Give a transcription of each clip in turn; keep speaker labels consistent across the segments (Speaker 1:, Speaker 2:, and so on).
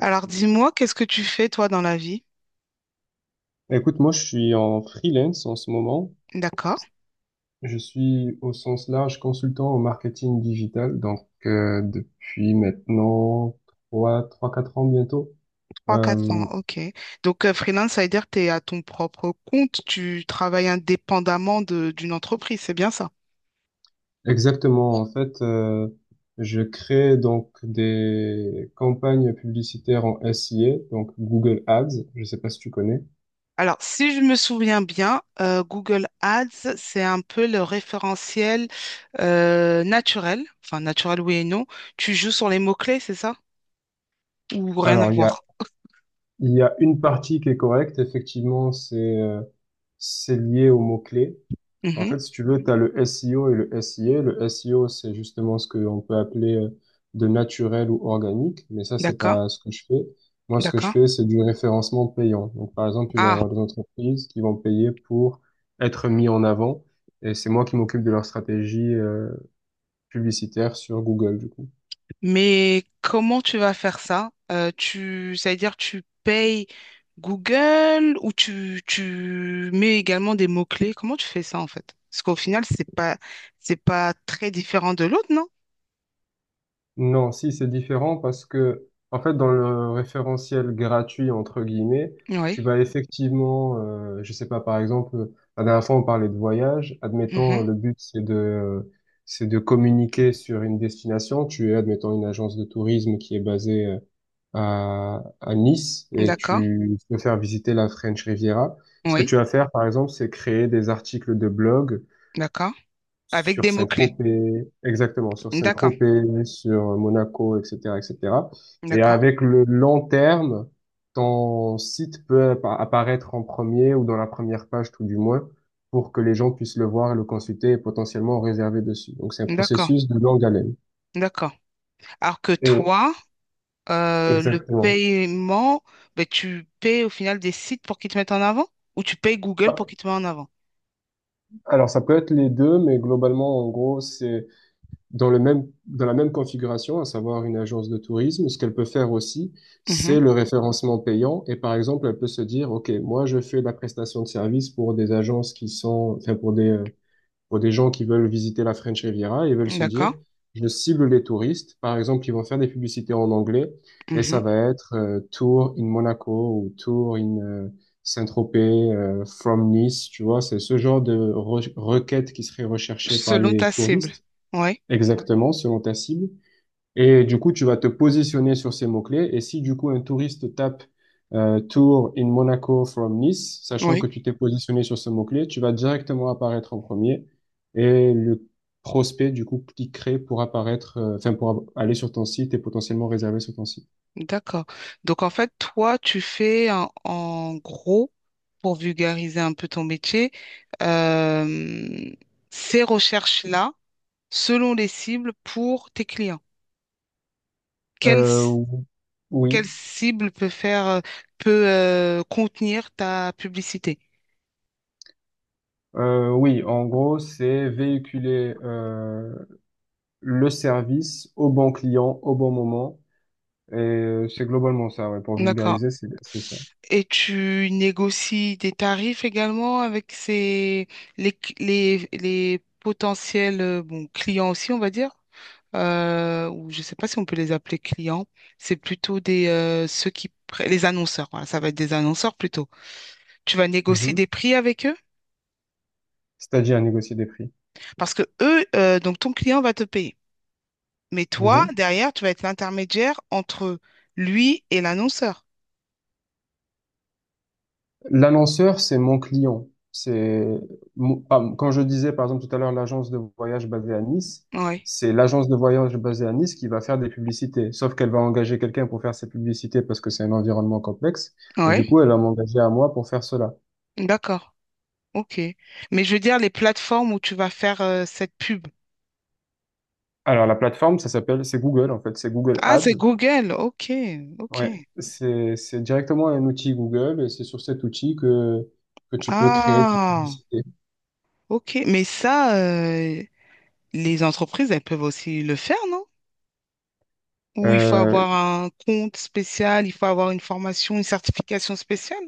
Speaker 1: Alors dis-moi, qu'est-ce que tu fais toi dans la vie?
Speaker 2: Écoute, moi, je suis en freelance en ce moment.
Speaker 1: D'accord.
Speaker 2: Je suis au sens large consultant au marketing digital, donc depuis maintenant trois, trois, quatre ans bientôt.
Speaker 1: Trois quatre
Speaker 2: Euh,
Speaker 1: ans, ok. Donc freelance, ça veut dire que tu es à ton propre compte, tu travailles indépendamment d'une entreprise, c'est bien ça?
Speaker 2: Exactement, en fait, je crée donc des campagnes publicitaires en SIA, donc Google Ads. Je sais pas si tu connais.
Speaker 1: Alors si je me souviens bien, Google Ads, c'est un peu le référentiel naturel, enfin naturel oui et non. Tu joues sur les mots-clés, c'est ça? Ou rien à
Speaker 2: Alors, il y a
Speaker 1: voir?
Speaker 2: il y a une partie qui est correcte. Effectivement, c'est lié aux mots-clés. En
Speaker 1: Mhm.
Speaker 2: fait, si tu veux, tu as le SEO et le SIA. Le SEO, c'est justement ce qu'on peut appeler de naturel ou organique, mais ça, c'est
Speaker 1: D'accord,
Speaker 2: pas ce que je fais. Moi, ce que je
Speaker 1: d'accord.
Speaker 2: fais, c'est du référencement payant. Donc, par exemple, il va y
Speaker 1: Ah,
Speaker 2: avoir des entreprises qui vont payer pour être mis en avant, et c'est moi qui m'occupe de leur stratégie publicitaire sur Google, du coup.
Speaker 1: mais comment tu vas faire ça? Ça veut dire tu payes Google ou tu mets également des mots-clés? Comment tu fais ça en fait? Parce qu'au final, c'est pas très différent de l'autre, non?
Speaker 2: Non, si c'est différent parce que en fait dans le référentiel gratuit entre guillemets, tu
Speaker 1: Oui.
Speaker 2: vas effectivement, je sais pas par exemple, la dernière fois on parlait de voyage.
Speaker 1: Mhm.
Speaker 2: Admettons le but c'est de communiquer sur une destination. Tu es admettons une agence de tourisme qui est basée à Nice et
Speaker 1: D'accord.
Speaker 2: tu veux faire visiter la French Riviera. Ce que
Speaker 1: Oui.
Speaker 2: tu vas faire, par exemple, c'est créer des articles de blog
Speaker 1: D'accord. Avec
Speaker 2: sur
Speaker 1: des mots-clés.
Speaker 2: Saint-Tropez, exactement, sur
Speaker 1: D'accord.
Speaker 2: Saint-Tropez, sur Monaco, etc., etc. Et cetera. Et
Speaker 1: D'accord.
Speaker 2: avec le long terme, ton site peut apparaître en premier ou dans la première page, tout du moins, pour que les gens puissent le voir, le consulter et potentiellement réserver dessus. Donc, c'est un
Speaker 1: D'accord.
Speaker 2: processus de longue haleine.
Speaker 1: D'accord. Alors que
Speaker 2: Et
Speaker 1: toi, le
Speaker 2: exactement.
Speaker 1: paiement, ben, tu payes au final des sites pour qu'ils te mettent en avant ou tu payes Google
Speaker 2: Bah,
Speaker 1: pour qu'ils te mettent en avant?
Speaker 2: alors, ça peut être les deux, mais globalement, en gros, c'est dans la même configuration, à savoir une agence de tourisme, ce qu'elle peut faire aussi, c'est le référencement payant. Et par exemple, elle peut se dire, OK, moi, je fais de la prestation de service pour des agences qui sont, enfin, pour des gens qui veulent visiter la French Riviera et veulent
Speaker 1: Mhm.
Speaker 2: se dire,
Speaker 1: D'accord.
Speaker 2: je cible les touristes. Par exemple, ils vont faire des publicités en anglais et ça
Speaker 1: Mhm.
Speaker 2: va être Tour in Monaco ou Tour in Saint-Tropez, from Nice, tu vois, c'est ce genre de requête qui serait recherchée par
Speaker 1: Selon ta
Speaker 2: les
Speaker 1: cible.
Speaker 2: touristes.
Speaker 1: Oui,
Speaker 2: Exactement, selon ta cible. Et du coup, tu vas te positionner sur ces mots-clés. Et si du coup, un touriste tape Tour in Monaco from Nice, sachant que
Speaker 1: oui,
Speaker 2: tu t'es positionné sur ce mot-clé, tu vas directement apparaître en premier. Et le prospect, du coup, cliquerait pour apparaître, enfin, pour aller sur ton site et potentiellement réserver sur ton site.
Speaker 1: d'accord. Donc en fait, toi, tu fais en gros, pour vulgariser un peu ton métier, euh, ces recherches-là, selon les cibles pour tes clients. Quelle,
Speaker 2: Euh,
Speaker 1: c-
Speaker 2: oui.
Speaker 1: quelle cible peut faire, peut contenir ta publicité?
Speaker 2: Oui, en gros, c'est véhiculer le service au bon client, au bon moment. Et c'est globalement ça, ouais. Pour
Speaker 1: D'accord.
Speaker 2: vulgariser, c'est ça.
Speaker 1: Et tu négocies des tarifs également avec ces, les, cl- les potentiels bon, clients aussi, on va dire. Ou je ne sais pas si on peut les appeler clients. C'est plutôt des, ceux qui, pr- les annonceurs. Voilà, ça va être des annonceurs plutôt. Tu vas négocier
Speaker 2: Mhm.
Speaker 1: des prix avec eux
Speaker 2: C'est-à-dire négocier des prix.
Speaker 1: parce que eux, donc ton client va te payer. Mais toi,
Speaker 2: Mhm.
Speaker 1: derrière, tu vas être l'intermédiaire entre lui et l'annonceur.
Speaker 2: L'annonceur, c'est mon client. Ah, quand je disais par exemple tout à l'heure l'agence de voyage basée à Nice,
Speaker 1: Oui,
Speaker 2: c'est l'agence de voyage basée à Nice qui va faire des publicités. Sauf qu'elle va engager quelqu'un pour faire ses publicités parce que c'est un environnement complexe. Et
Speaker 1: oui,
Speaker 2: du coup, elle va m'engager à moi pour faire cela.
Speaker 1: d'accord. Ok. Mais je veux dire, les plateformes où tu vas faire cette pub.
Speaker 2: Alors la plateforme, ça s'appelle, c'est Google en fait, c'est Google
Speaker 1: Ah, c'est
Speaker 2: Ads.
Speaker 1: Google. Ok, ok.
Speaker 2: Ouais, c'est directement un outil Google et c'est sur cet outil que tu peux créer tes
Speaker 1: Ah,
Speaker 2: publicités.
Speaker 1: ok. Mais ça, les entreprises, elles peuvent aussi le faire, non? Ou il faut
Speaker 2: Euh,
Speaker 1: avoir un compte spécial, il faut avoir une formation, une certification spéciale?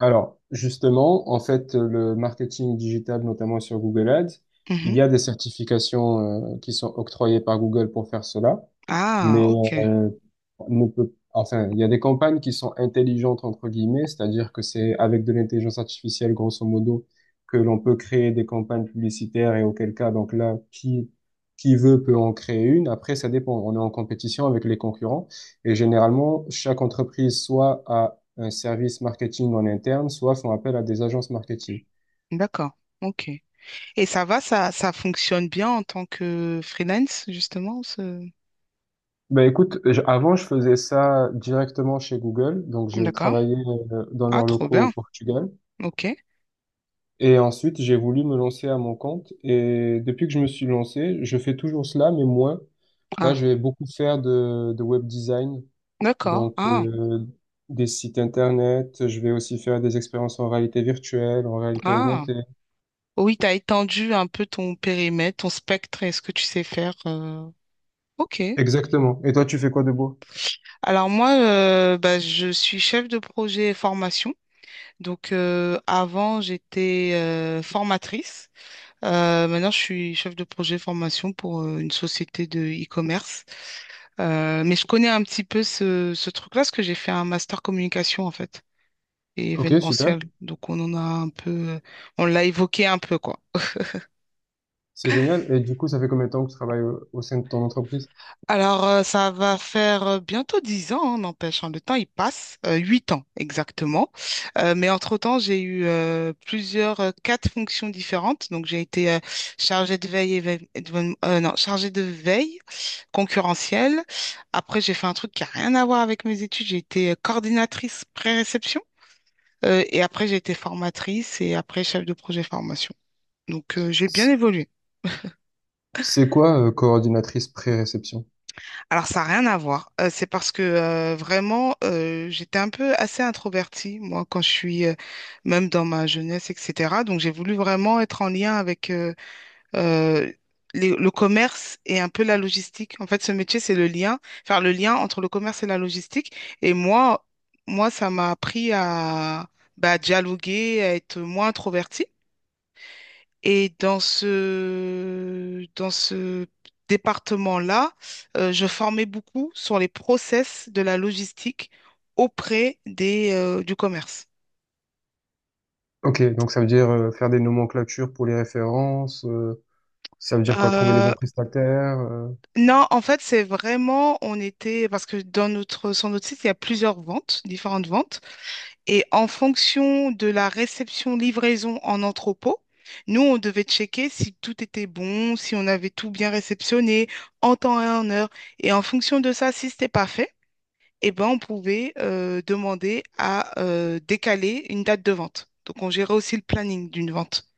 Speaker 2: Alors, justement, en fait, le marketing digital, notamment sur Google Ads,
Speaker 1: Mhm.
Speaker 2: il y a des certifications qui sont octroyées par Google pour faire cela,
Speaker 1: Ah,
Speaker 2: mais
Speaker 1: ok.
Speaker 2: on ne peut, enfin, il y a des campagnes qui sont intelligentes entre guillemets, c'est-à-dire que c'est avec de l'intelligence artificielle, grosso modo, que l'on peut créer des campagnes publicitaires et auquel cas, donc là, qui veut peut en créer une. Après, ça dépend. On est en compétition avec les concurrents et généralement, chaque entreprise soit a un service marketing en interne, soit font appel à des agences marketing.
Speaker 1: D'accord. Ok. Et ça va, ça fonctionne bien en tant que freelance, justement, ce...
Speaker 2: Ben écoute, avant je faisais ça directement chez Google, donc j'ai
Speaker 1: D'accord.
Speaker 2: travaillé dans
Speaker 1: Ah,
Speaker 2: leurs
Speaker 1: trop
Speaker 2: locaux au
Speaker 1: bien.
Speaker 2: Portugal
Speaker 1: Ok.
Speaker 2: et ensuite j'ai voulu me lancer à mon compte et depuis que je me suis lancé, je fais toujours cela mais moins. Là,
Speaker 1: Ah,
Speaker 2: je vais beaucoup faire de web design,
Speaker 1: d'accord.
Speaker 2: donc
Speaker 1: Ah,
Speaker 2: des sites internet, je vais aussi faire des expériences en réalité virtuelle, en réalité
Speaker 1: ah.
Speaker 2: augmentée.
Speaker 1: Oui, tu as étendu un peu ton périmètre, ton spectre et ce que tu sais faire. Ok.
Speaker 2: Exactement. Et toi, tu fais quoi de beau?
Speaker 1: Alors moi, bah, je suis chef de projet formation. Donc avant, j'étais formatrice. Maintenant, je suis chef de projet formation pour une société de e-commerce. Mais je connais un petit peu ce truc-là parce que j'ai fait un master communication en fait et
Speaker 2: Ok, super.
Speaker 1: événementiel. Donc on en a un peu, on l'a évoqué un peu quoi.
Speaker 2: C'est génial. Et du coup, ça fait combien de temps que tu travailles au sein de ton entreprise?
Speaker 1: Alors, ça va faire bientôt 10 ans, hein, n'empêche, hein, le temps, il passe. 8 ans, exactement. Mais entre-temps, j'ai eu plusieurs, quatre fonctions différentes. Donc, j'ai été chargée de veille, non, chargée de veille concurrentielle. Après, j'ai fait un truc qui a rien à voir avec mes études. J'ai été coordinatrice pré-réception. Et après, j'ai été formatrice et après, chef de projet formation. Donc, j'ai bien
Speaker 2: C-
Speaker 1: évolué.
Speaker 2: C'est quoi, coordinatrice pré-réception?
Speaker 1: Alors, ça n'a rien à voir. C'est parce que vraiment, j'étais un peu assez introvertie, moi, quand je suis, même dans ma jeunesse, etc. Donc, j'ai voulu vraiment être en lien avec euh, le commerce et un peu la logistique. En fait, ce métier, c'est le lien, faire le lien entre le commerce et la logistique. Et moi, ça m'a appris à bah, dialoguer, à être moins introvertie. Et dans ce département-là, je formais beaucoup sur les process de la logistique auprès du commerce.
Speaker 2: Ok, donc ça veut dire faire des nomenclatures pour les références, ça veut dire quoi, trouver les
Speaker 1: Euh,
Speaker 2: bons prestataires.
Speaker 1: non, en fait, c'est vraiment, on était, parce que dans notre, sur notre site, il y a plusieurs ventes, différentes ventes, et en fonction de la réception, livraison en entrepôt, nous, on devait checker si tout était bon, si on avait tout bien réceptionné, en temps et en heure, et en fonction de ça, si c'était pas fait, eh ben, on pouvait demander à décaler une date de vente. Donc, on gérait aussi le planning d'une vente.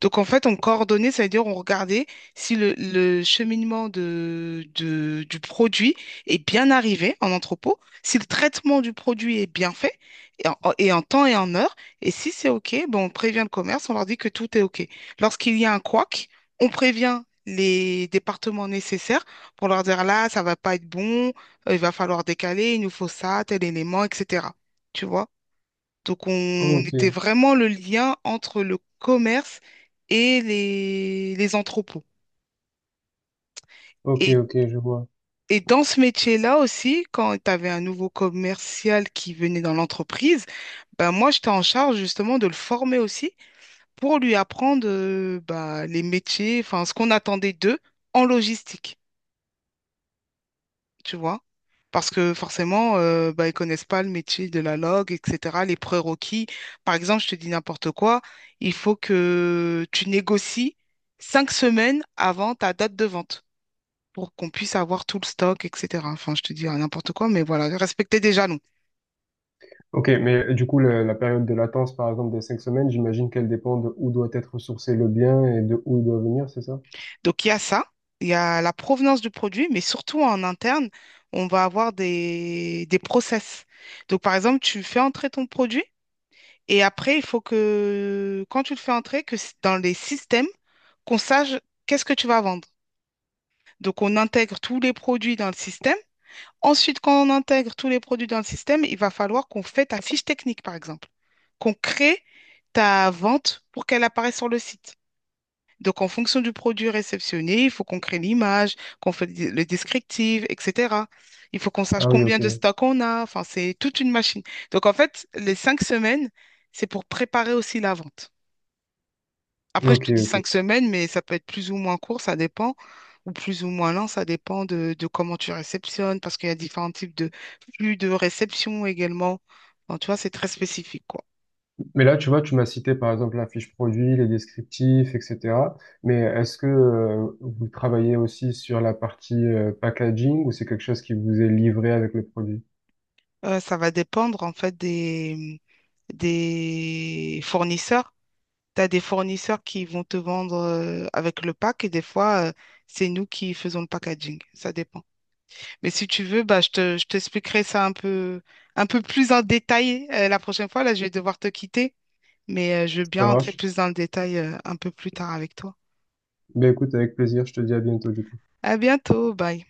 Speaker 1: Donc en fait, on coordonnait, ça veut dire on regardait si le cheminement du produit est bien arrivé en entrepôt, si le traitement du produit est bien fait et en temps et en heure. Et si c'est OK, ben on prévient le commerce, on leur dit que tout est OK. Lorsqu'il y a un couac, on prévient les départements nécessaires pour leur dire là, ça va pas être bon, il va falloir décaler, il nous faut ça, tel élément, etc. Tu vois? Donc, on
Speaker 2: Ok,
Speaker 1: était vraiment le lien entre le commerce et les entrepôts.
Speaker 2: ok,
Speaker 1: Et,
Speaker 2: ok, je vois.
Speaker 1: et dans ce métier-là aussi, quand tu avais un nouveau commercial qui venait dans l'entreprise, ben moi, j'étais en charge justement de le former aussi pour lui apprendre bah, les métiers, enfin, ce qu'on attendait d'eux en logistique. Tu vois. Parce que forcément, bah, ils connaissent pas le métier de la log, etc., les prérequis. Par exemple, je te dis n'importe quoi, il faut que tu négocies 5 semaines avant ta date de vente pour qu'on puisse avoir tout le stock, etc. Enfin, je te dis n'importe quoi, mais voilà, respecter des jalons.
Speaker 2: Ok, mais du coup, la période de latence, par exemple, des 5 semaines, j'imagine qu'elle dépend de où doit être sourcé le bien et de où il doit venir, c'est ça?
Speaker 1: Donc, il y a ça, il y a la provenance du produit, mais surtout en interne, on va avoir des process. Donc, par exemple, tu fais entrer ton produit. Et après, il faut que, quand tu le fais entrer, dans les systèmes, qu'on sache qu'est-ce que tu vas vendre. Donc, on intègre tous les produits dans le système. Ensuite, quand on intègre tous les produits dans le système, il va falloir qu'on fait ta fiche technique, par exemple, qu'on crée ta vente pour qu'elle apparaisse sur le site. Donc, en fonction du produit réceptionné, il faut qu'on crée l'image, qu'on fait le descriptif, etc. Il faut qu'on sache
Speaker 2: Ah oui,
Speaker 1: combien
Speaker 2: ok,
Speaker 1: de stocks on a. Enfin, c'est toute une machine. Donc, en fait, les 5 semaines, c'est pour préparer aussi la vente. Après, je
Speaker 2: ok,
Speaker 1: te dis
Speaker 2: ok.
Speaker 1: 5 semaines, mais ça peut être plus ou moins court, ça dépend, ou plus ou moins lent, ça dépend de comment tu réceptionnes, parce qu'il y a différents types de flux de réception également. Enfin, tu vois, c'est très spécifique, quoi.
Speaker 2: Mais là, tu vois, tu m'as cité par exemple la fiche produit, les descriptifs, etc. Mais est-ce que vous travaillez aussi sur la partie packaging ou c'est quelque chose qui vous est livré avec le produit?
Speaker 1: Ça va dépendre, en fait, des fournisseurs. Tu as des fournisseurs qui vont te vendre avec le pack et des fois, c'est nous qui faisons le packaging. Ça dépend. Mais si tu veux, bah, je t'expliquerai ça un peu plus en détail la prochaine fois. Là, je vais devoir te quitter. Mais je veux
Speaker 2: Ça
Speaker 1: bien entrer
Speaker 2: marche?
Speaker 1: plus dans le détail un peu plus tard avec toi.
Speaker 2: Ben écoute, avec plaisir, je te dis à bientôt du coup.
Speaker 1: À bientôt, bye.